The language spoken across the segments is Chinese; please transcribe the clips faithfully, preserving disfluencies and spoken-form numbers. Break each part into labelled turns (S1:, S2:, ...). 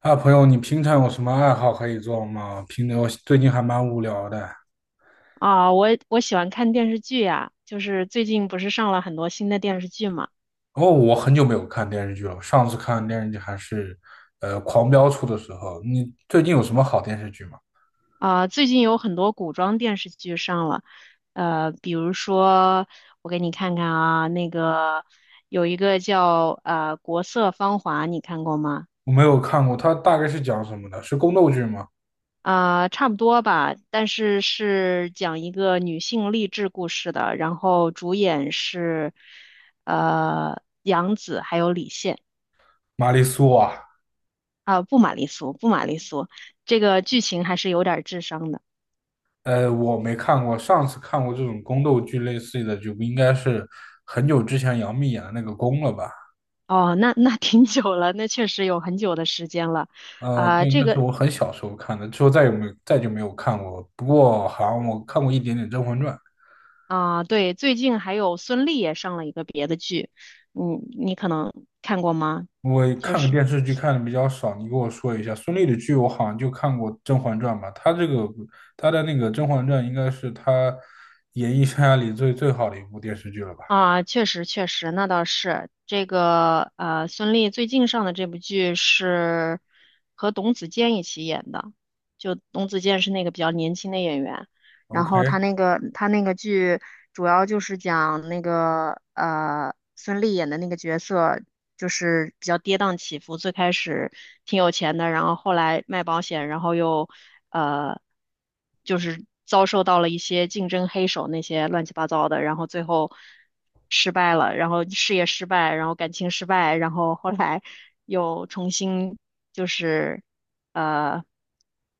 S1: 啊，朋友，你平常有什么爱好可以做吗？平我最近还蛮无聊的。
S2: 啊，我我喜欢看电视剧呀，就是最近不是上了很多新的电视剧嘛？
S1: 哦，我很久没有看电视剧了，上次看电视剧还是，呃，《狂飙》出的时候。你最近有什么好电视剧吗？
S2: 啊，最近有很多古装电视剧上了，呃，比如说我给你看看啊，那个有一个叫呃《国色芳华》，你看过吗？
S1: 我没有看过，它大概是讲什么的？是宫斗剧吗？
S2: 啊，差不多吧，但是是讲一个女性励志故事的，然后主演是呃杨紫还有李现。
S1: 玛丽苏啊，
S2: 啊，不玛丽苏，不玛丽苏，这个剧情还是有点儿智商的。
S1: 呃，我没看过，上次看过这种宫斗剧类似的就不应该是很久之前杨幂演的那个《宫》了吧？
S2: 哦，那那挺久了，那确实有很久的时间了。
S1: 嗯，
S2: 啊、
S1: 对，
S2: 这
S1: 那是
S2: 个
S1: 我很小时候看的，之后再也没再就没有看过。不过好像我看过一点点《甄嬛传》。
S2: 啊、对，最近还有孙俪也上了一个别的剧，嗯，你可能看过吗？
S1: 我
S2: 就
S1: 看个
S2: 是
S1: 电视剧看的比较少，你给我说一下。孙俪的剧我好像就看过《甄嬛传》吧，她这个她的那个《甄嬛传》应该是她演艺生涯里最最好的一部电视剧了吧
S2: 啊、确实确实，那倒是这个呃，孙俪最近上的这部剧是和董子健一起演的，就董子健是那个比较年轻的演员。然后他
S1: ？OK，
S2: 那个他那个剧主要就是讲那个呃孙俪演的那个角色，就是比较跌宕起伏，最开始挺有钱的，然后后来卖保险，然后又呃就是遭受到了一些竞争黑手那些乱七八糟的，然后最后失败了，然后事业失败，然后感情失败，然后后来又重新就是呃。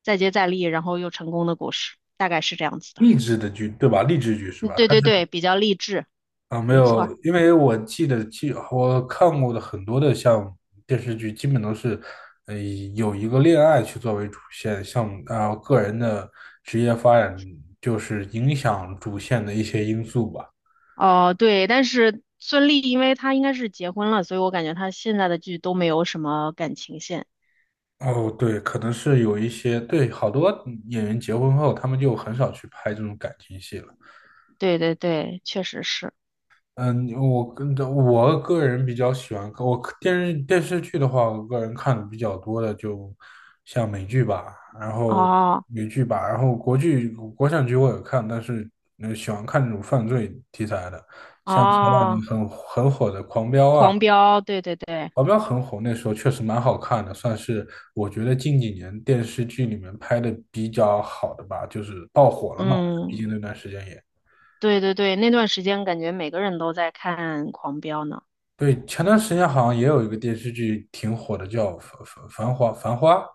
S2: 再接再厉，然后又成功的故事，大概是这样子的。
S1: 励志的剧对吧？励志剧是
S2: 嗯，
S1: 吧？
S2: 对
S1: 她是
S2: 对对，比较励志，
S1: 啊，没
S2: 没错儿。
S1: 有，因为我记得记我看过的很多的像电视剧，基本都是呃有一个恋爱去作为主线，像啊、呃个人的职业发展就是影响主线的一些因素吧。
S2: 哦，对，但是孙俪因为她应该是结婚了，所以我感觉她现在的剧都没有什么感情线。
S1: 哦，对，可能是有一些，对，好多演员结婚后，他们就很少去拍这种感情戏了。
S2: 对对对，确实是。
S1: 嗯，我跟着我个人比较喜欢，我电视电视剧的话，我个人看的比较多的，就像美剧吧，然后
S2: 哦。
S1: 美剧吧，然后国剧、国产剧我也看，但是呃喜欢看这种犯罪题材的，像前两年
S2: 哦，
S1: 很很火的《狂飙》啊，
S2: 狂飙，对对对，
S1: 保镖很火，那时候确实蛮好看的，算是我觉得近几年电视剧里面拍的比较好的吧，就是爆火了嘛。毕
S2: 嗯，
S1: 竟那段时间也，
S2: 对对对，那段时间感觉每个人都在看狂飙呢。
S1: 对，前段时间好像也有一个电视剧挺火的，叫《繁繁繁花》。繁花，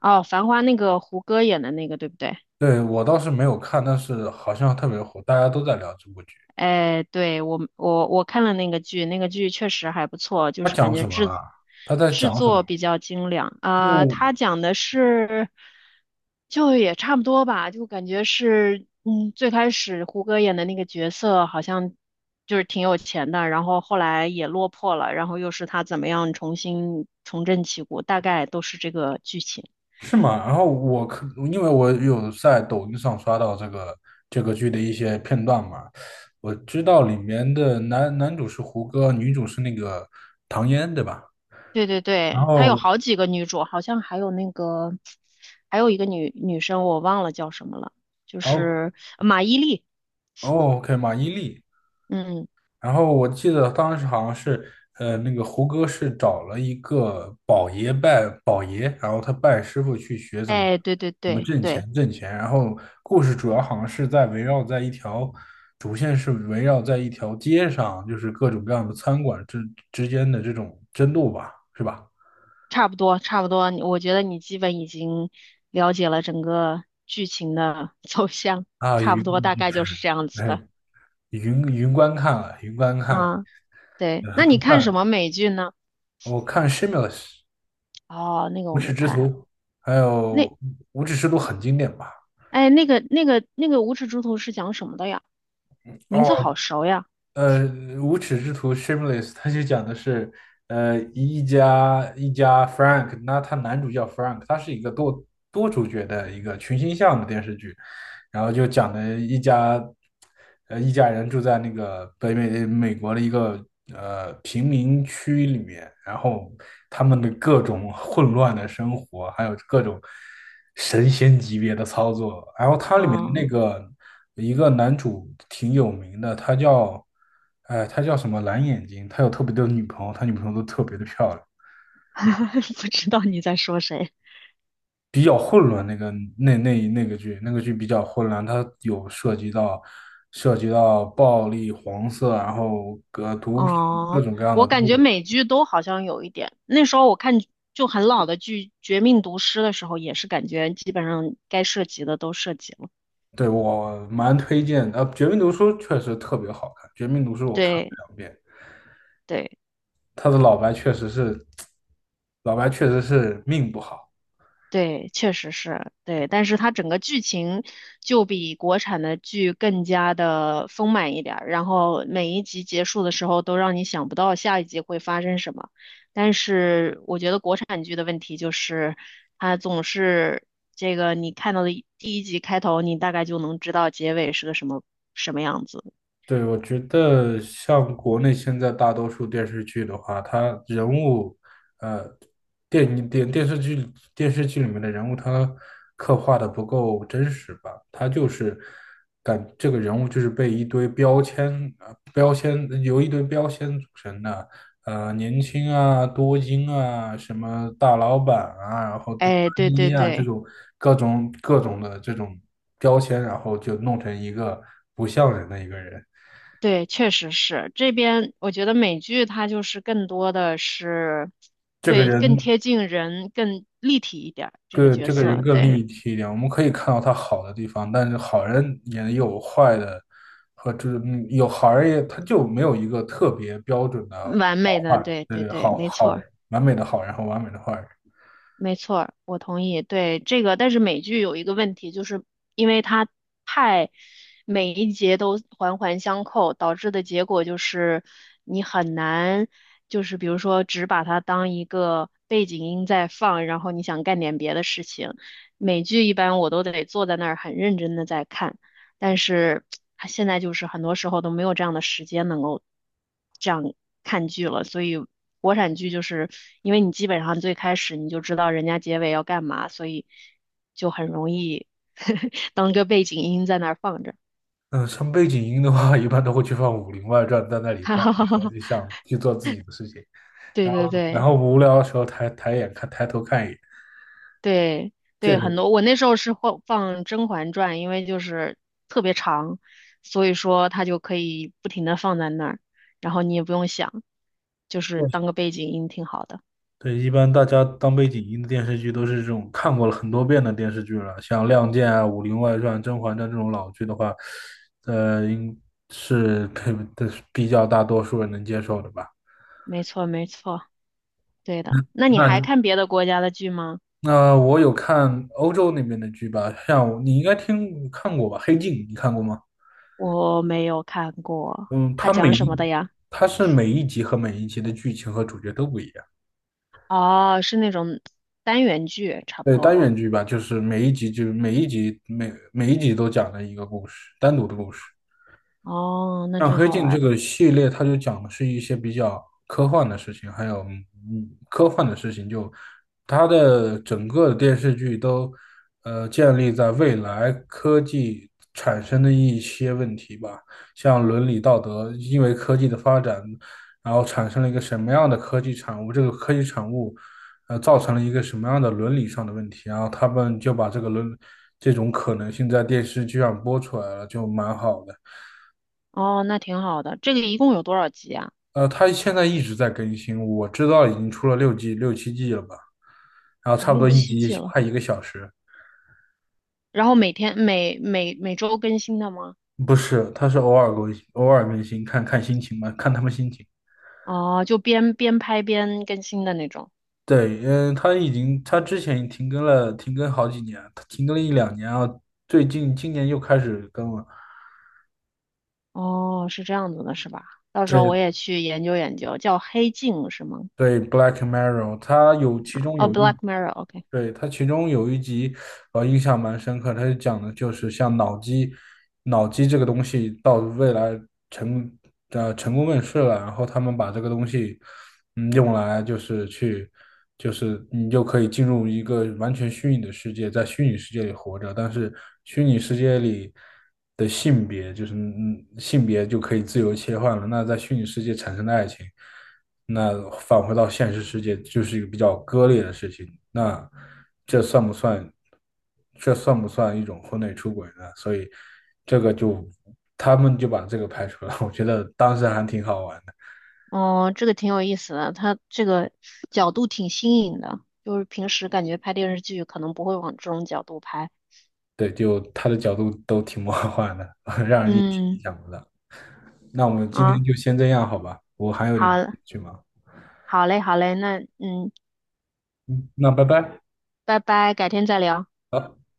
S2: 哦，繁花那个胡歌演的那个，对不对？
S1: 对，我倒是没有看，但是好像特别火，大家都在聊这部剧。
S2: 哎，对，我我我看了那个剧，那个剧确实还不错，就
S1: 它
S2: 是感
S1: 讲
S2: 觉
S1: 什么
S2: 制
S1: 了？它在
S2: 制
S1: 讲什么？
S2: 作比较精良
S1: 因
S2: 啊。
S1: 为
S2: 它讲的是，就也差不多吧，就感觉是，嗯，最开始胡歌演的那个角色好像就是挺有钱的，然后后来也落魄了，然后又是他怎么样重新重振旗鼓，大概都是这个剧情。
S1: 是吗？然后我可因为我有在抖音上刷到这个这个剧的一些片段嘛，我知道里面的男男主是胡歌，女主是那个唐嫣，对吧？
S2: 对对
S1: 然
S2: 对，她有
S1: 后
S2: 好几个女主，好像还有那个，还有一个女女生，我忘了叫什么了，就
S1: 然后
S2: 是呃马伊琍。
S1: 哦，OK，马伊琍，
S2: 嗯，
S1: 然后我记得当时好像是，呃，那个胡歌是找了一个宝爷拜宝爷，然后他拜师傅去学怎么
S2: 哎，对对
S1: 怎么
S2: 对
S1: 挣
S2: 对，
S1: 钱挣钱。然后故事主要好像是在围绕在一条主线是围绕在一条街上，就是各种各样的餐馆之之间的这种争斗吧，是吧？
S2: 差不多差不多，我觉得你基本已经了解了整个剧情的 走向，
S1: 啊，
S2: 差不
S1: 云
S2: 多大
S1: 云
S2: 概就是这样子的。
S1: 云云观看了，云观看了，
S2: 嗯，对，
S1: 呃
S2: 那你
S1: 不
S2: 看什
S1: 算，
S2: 么美剧呢？
S1: 我看《Shameless》
S2: 哦，那个
S1: 无
S2: 我没
S1: 耻之
S2: 看，
S1: 徒，还
S2: 那
S1: 有《无耻之徒》很经典吧。
S2: 哎，那个那个那个《无耻猪头》是讲什么的呀？名字好
S1: 哦，
S2: 熟呀。
S1: 呃，无耻之徒 Shameless，他就讲的是，呃，一家一家 Frank，那他男主叫 Frank，他是一个多多主角的一个群星像的电视剧，然后就讲的一家，呃，一家人住在那个北美呃美国的一个呃贫民区里面，然后他们的各种混乱的生活，还有各种神仙级别的操作。然后它里面的那
S2: 嗯。
S1: 个一个男主挺有名的，他叫，哎，他叫什么蓝眼睛，他有特别多的女朋友，他女朋友都特别的漂亮。
S2: 不知道你在说谁。
S1: 比较混乱，那个那那那个剧，那个剧比较混乱，它有涉及到涉及到暴力、黄色，然后呃毒品各
S2: 哦，
S1: 种各样的
S2: 我
S1: 都
S2: 感觉
S1: 有。
S2: 美剧都好像有一点。那时候我看就很老的剧《绝命毒师》的时候，也是感觉基本上该涉及的都涉及了。
S1: 对，我蛮推荐的，呃，《绝命毒书》确实特别好看，《绝命毒书》我看了
S2: 对
S1: 两遍，
S2: 对。
S1: 他的老白确实是 老白确实是命不好。
S2: 对，确实是，对，但是它整个剧情就比国产的剧更加的丰满一点儿，然后每一集结束的时候都让你想不到下一集会发生什么。但是我觉得国产剧的问题就是，它总是这个你看到的一第一集开头，你大概就能知道结尾是个什么什么样子。
S1: 对，我觉得像国内现在大多数电视剧的话，它人物，呃，电影电电视剧电视剧里面的人物，他刻画的不够真实吧？他就是感这个人物就是被一堆标签，呃，标签由一堆标签组成的，呃，年轻啊，多金啊，什么大老板啊，然后大
S2: 哎，对对
S1: 一啊这
S2: 对。
S1: 种各种各种的这种标签，然后就弄成一个不像人的一个人。
S2: 对，确实是这边，我觉得美剧它就是更多的是，
S1: 这个
S2: 对，更
S1: 人
S2: 贴近人，更立体一点儿，这个
S1: 更
S2: 角
S1: 这个人
S2: 色，
S1: 更
S2: 对，
S1: 立体一点，我们可以看到他好的地方，但是好人也有坏的，和就是嗯有好人也他就没有一个特别标准的
S2: 完美的，
S1: 坏人，
S2: 对
S1: 对
S2: 对
S1: 对，
S2: 对，
S1: 好
S2: 没错。
S1: 好完美的好人和完美的坏人。
S2: 没错儿我同意。对这个，但是美剧有一个问题，就是因为它太每一节都环环相扣，导致的结果就是你很难，就是比如说只把它当一个背景音在放，然后你想干点别的事情。美剧一般我都得坐在那儿很认真的在看。但是啊现在就是很多时候都没有这样的时间能够这样看剧了，所以国产剧就是因为你基本上最开始你就知道人家结尾要干嘛，所以就很容易 当个背景音在那儿放着。
S1: 嗯，像背景音的话，一般都会去放《武林外传》，在那里挂着然后就 想去做自己的事情，
S2: 对
S1: 然
S2: 对
S1: 后然
S2: 对
S1: 后无聊的时候抬抬眼看抬头看一眼，
S2: 对
S1: 这
S2: 对，很
S1: 个。
S2: 多我那时候是放放《甄嬛传》，因为就是特别长，所以说它就可以不停的放在那儿，然后你也不用想，就是当个背景音挺好的。
S1: 对，一般大家当背景音的电视剧都是这种看过了很多遍的电视剧了，像《亮剑》啊、《武林外传》《甄嬛传》这种老剧的话，呃，应是可以的比较大多数人能接受的吧。
S2: 没错，没错，对的。那你
S1: 那
S2: 还
S1: 你
S2: 看别的国家的剧吗？
S1: 那我有看欧洲那边的剧吧，像我你应该听看过吧，《黑镜》你看过吗？
S2: 我没有看过，
S1: 嗯，
S2: 它
S1: 它每
S2: 讲什么
S1: 一
S2: 的呀？
S1: 它是每一集和每一集的剧情和主角都不一样。
S2: 哦，是那种单元剧，差不
S1: 对，单
S2: 多。
S1: 元剧吧，就是每一集就每一集每每一集都讲了一个故事，单独的故事。
S2: 哦，那
S1: 像
S2: 挺
S1: 《黑
S2: 好
S1: 镜》这
S2: 玩的。
S1: 个系列，它就讲的是一些比较科幻的事情，还有嗯科幻的事情就，它的整个电视剧都呃建立在未来科技产生的一些问题吧，像伦理道德，因为科技的发展，然后产生了一个什么样的科技产物，这个科技产物呃造成了一个什么样的伦理上的问题，然后他们就把这个伦这种可能性在电视剧上播出来了，就蛮好的。
S2: 哦，那挺好的。这个一共有多少集啊？
S1: 呃，它现在一直在更新，我知道已经出了六季、六七季了吧，然后
S2: 哦，
S1: 差不
S2: 六
S1: 多一嗯
S2: 七季
S1: 集
S2: 了。
S1: 快一个小时，
S2: 然后每天每每每周更新的吗？
S1: 不是，它是偶尔更新，偶尔更新，看看心情吧，看他们心情。
S2: 哦，就边边拍边更新的那种。
S1: 对，嗯，它已经，它之前停更了，停更好几年，它停更了一两年啊，最近今年又开始更了。
S2: 哦，是这样子的，是吧？到时候我也去研究研究，叫《黑镜》是吗？
S1: 对《Black Mirror》，它有其中
S2: 哦，
S1: 有一
S2: 《Black Mirror》,OK。
S1: 对，它其中有一集，呃，印象蛮深刻。它是讲的就是像脑机，脑机这个东西到未来成呃成功问世了，然后他们把这个东西，嗯，用来就是去，就是你就可以进入一个完全虚拟的世界，在虚拟世界里活着，但是虚拟世界里的性别就是嗯性别就可以自由切换了。那在虚拟世界产生的爱情。那返回到现实世界就是一个比较割裂的事情。那这算不算？这算不算一种婚内出轨呢？所以这个就他们就把这个排除了。我觉得当时还挺好玩的，
S2: 哦，这个挺有意思的，它这个角度挺新颖的，就是平时感觉拍电视剧可能不会往这种角度拍。
S1: 对，就他的角度都挺魔幻的，让人意
S2: 嗯，
S1: 想不到。那我们今天
S2: 啊，
S1: 就先这样好吧？我还有点事
S2: 好，
S1: 去忙，
S2: 好嘞，好嘞，那嗯，
S1: 那拜拜。
S2: 拜拜，改天再聊。
S1: 好。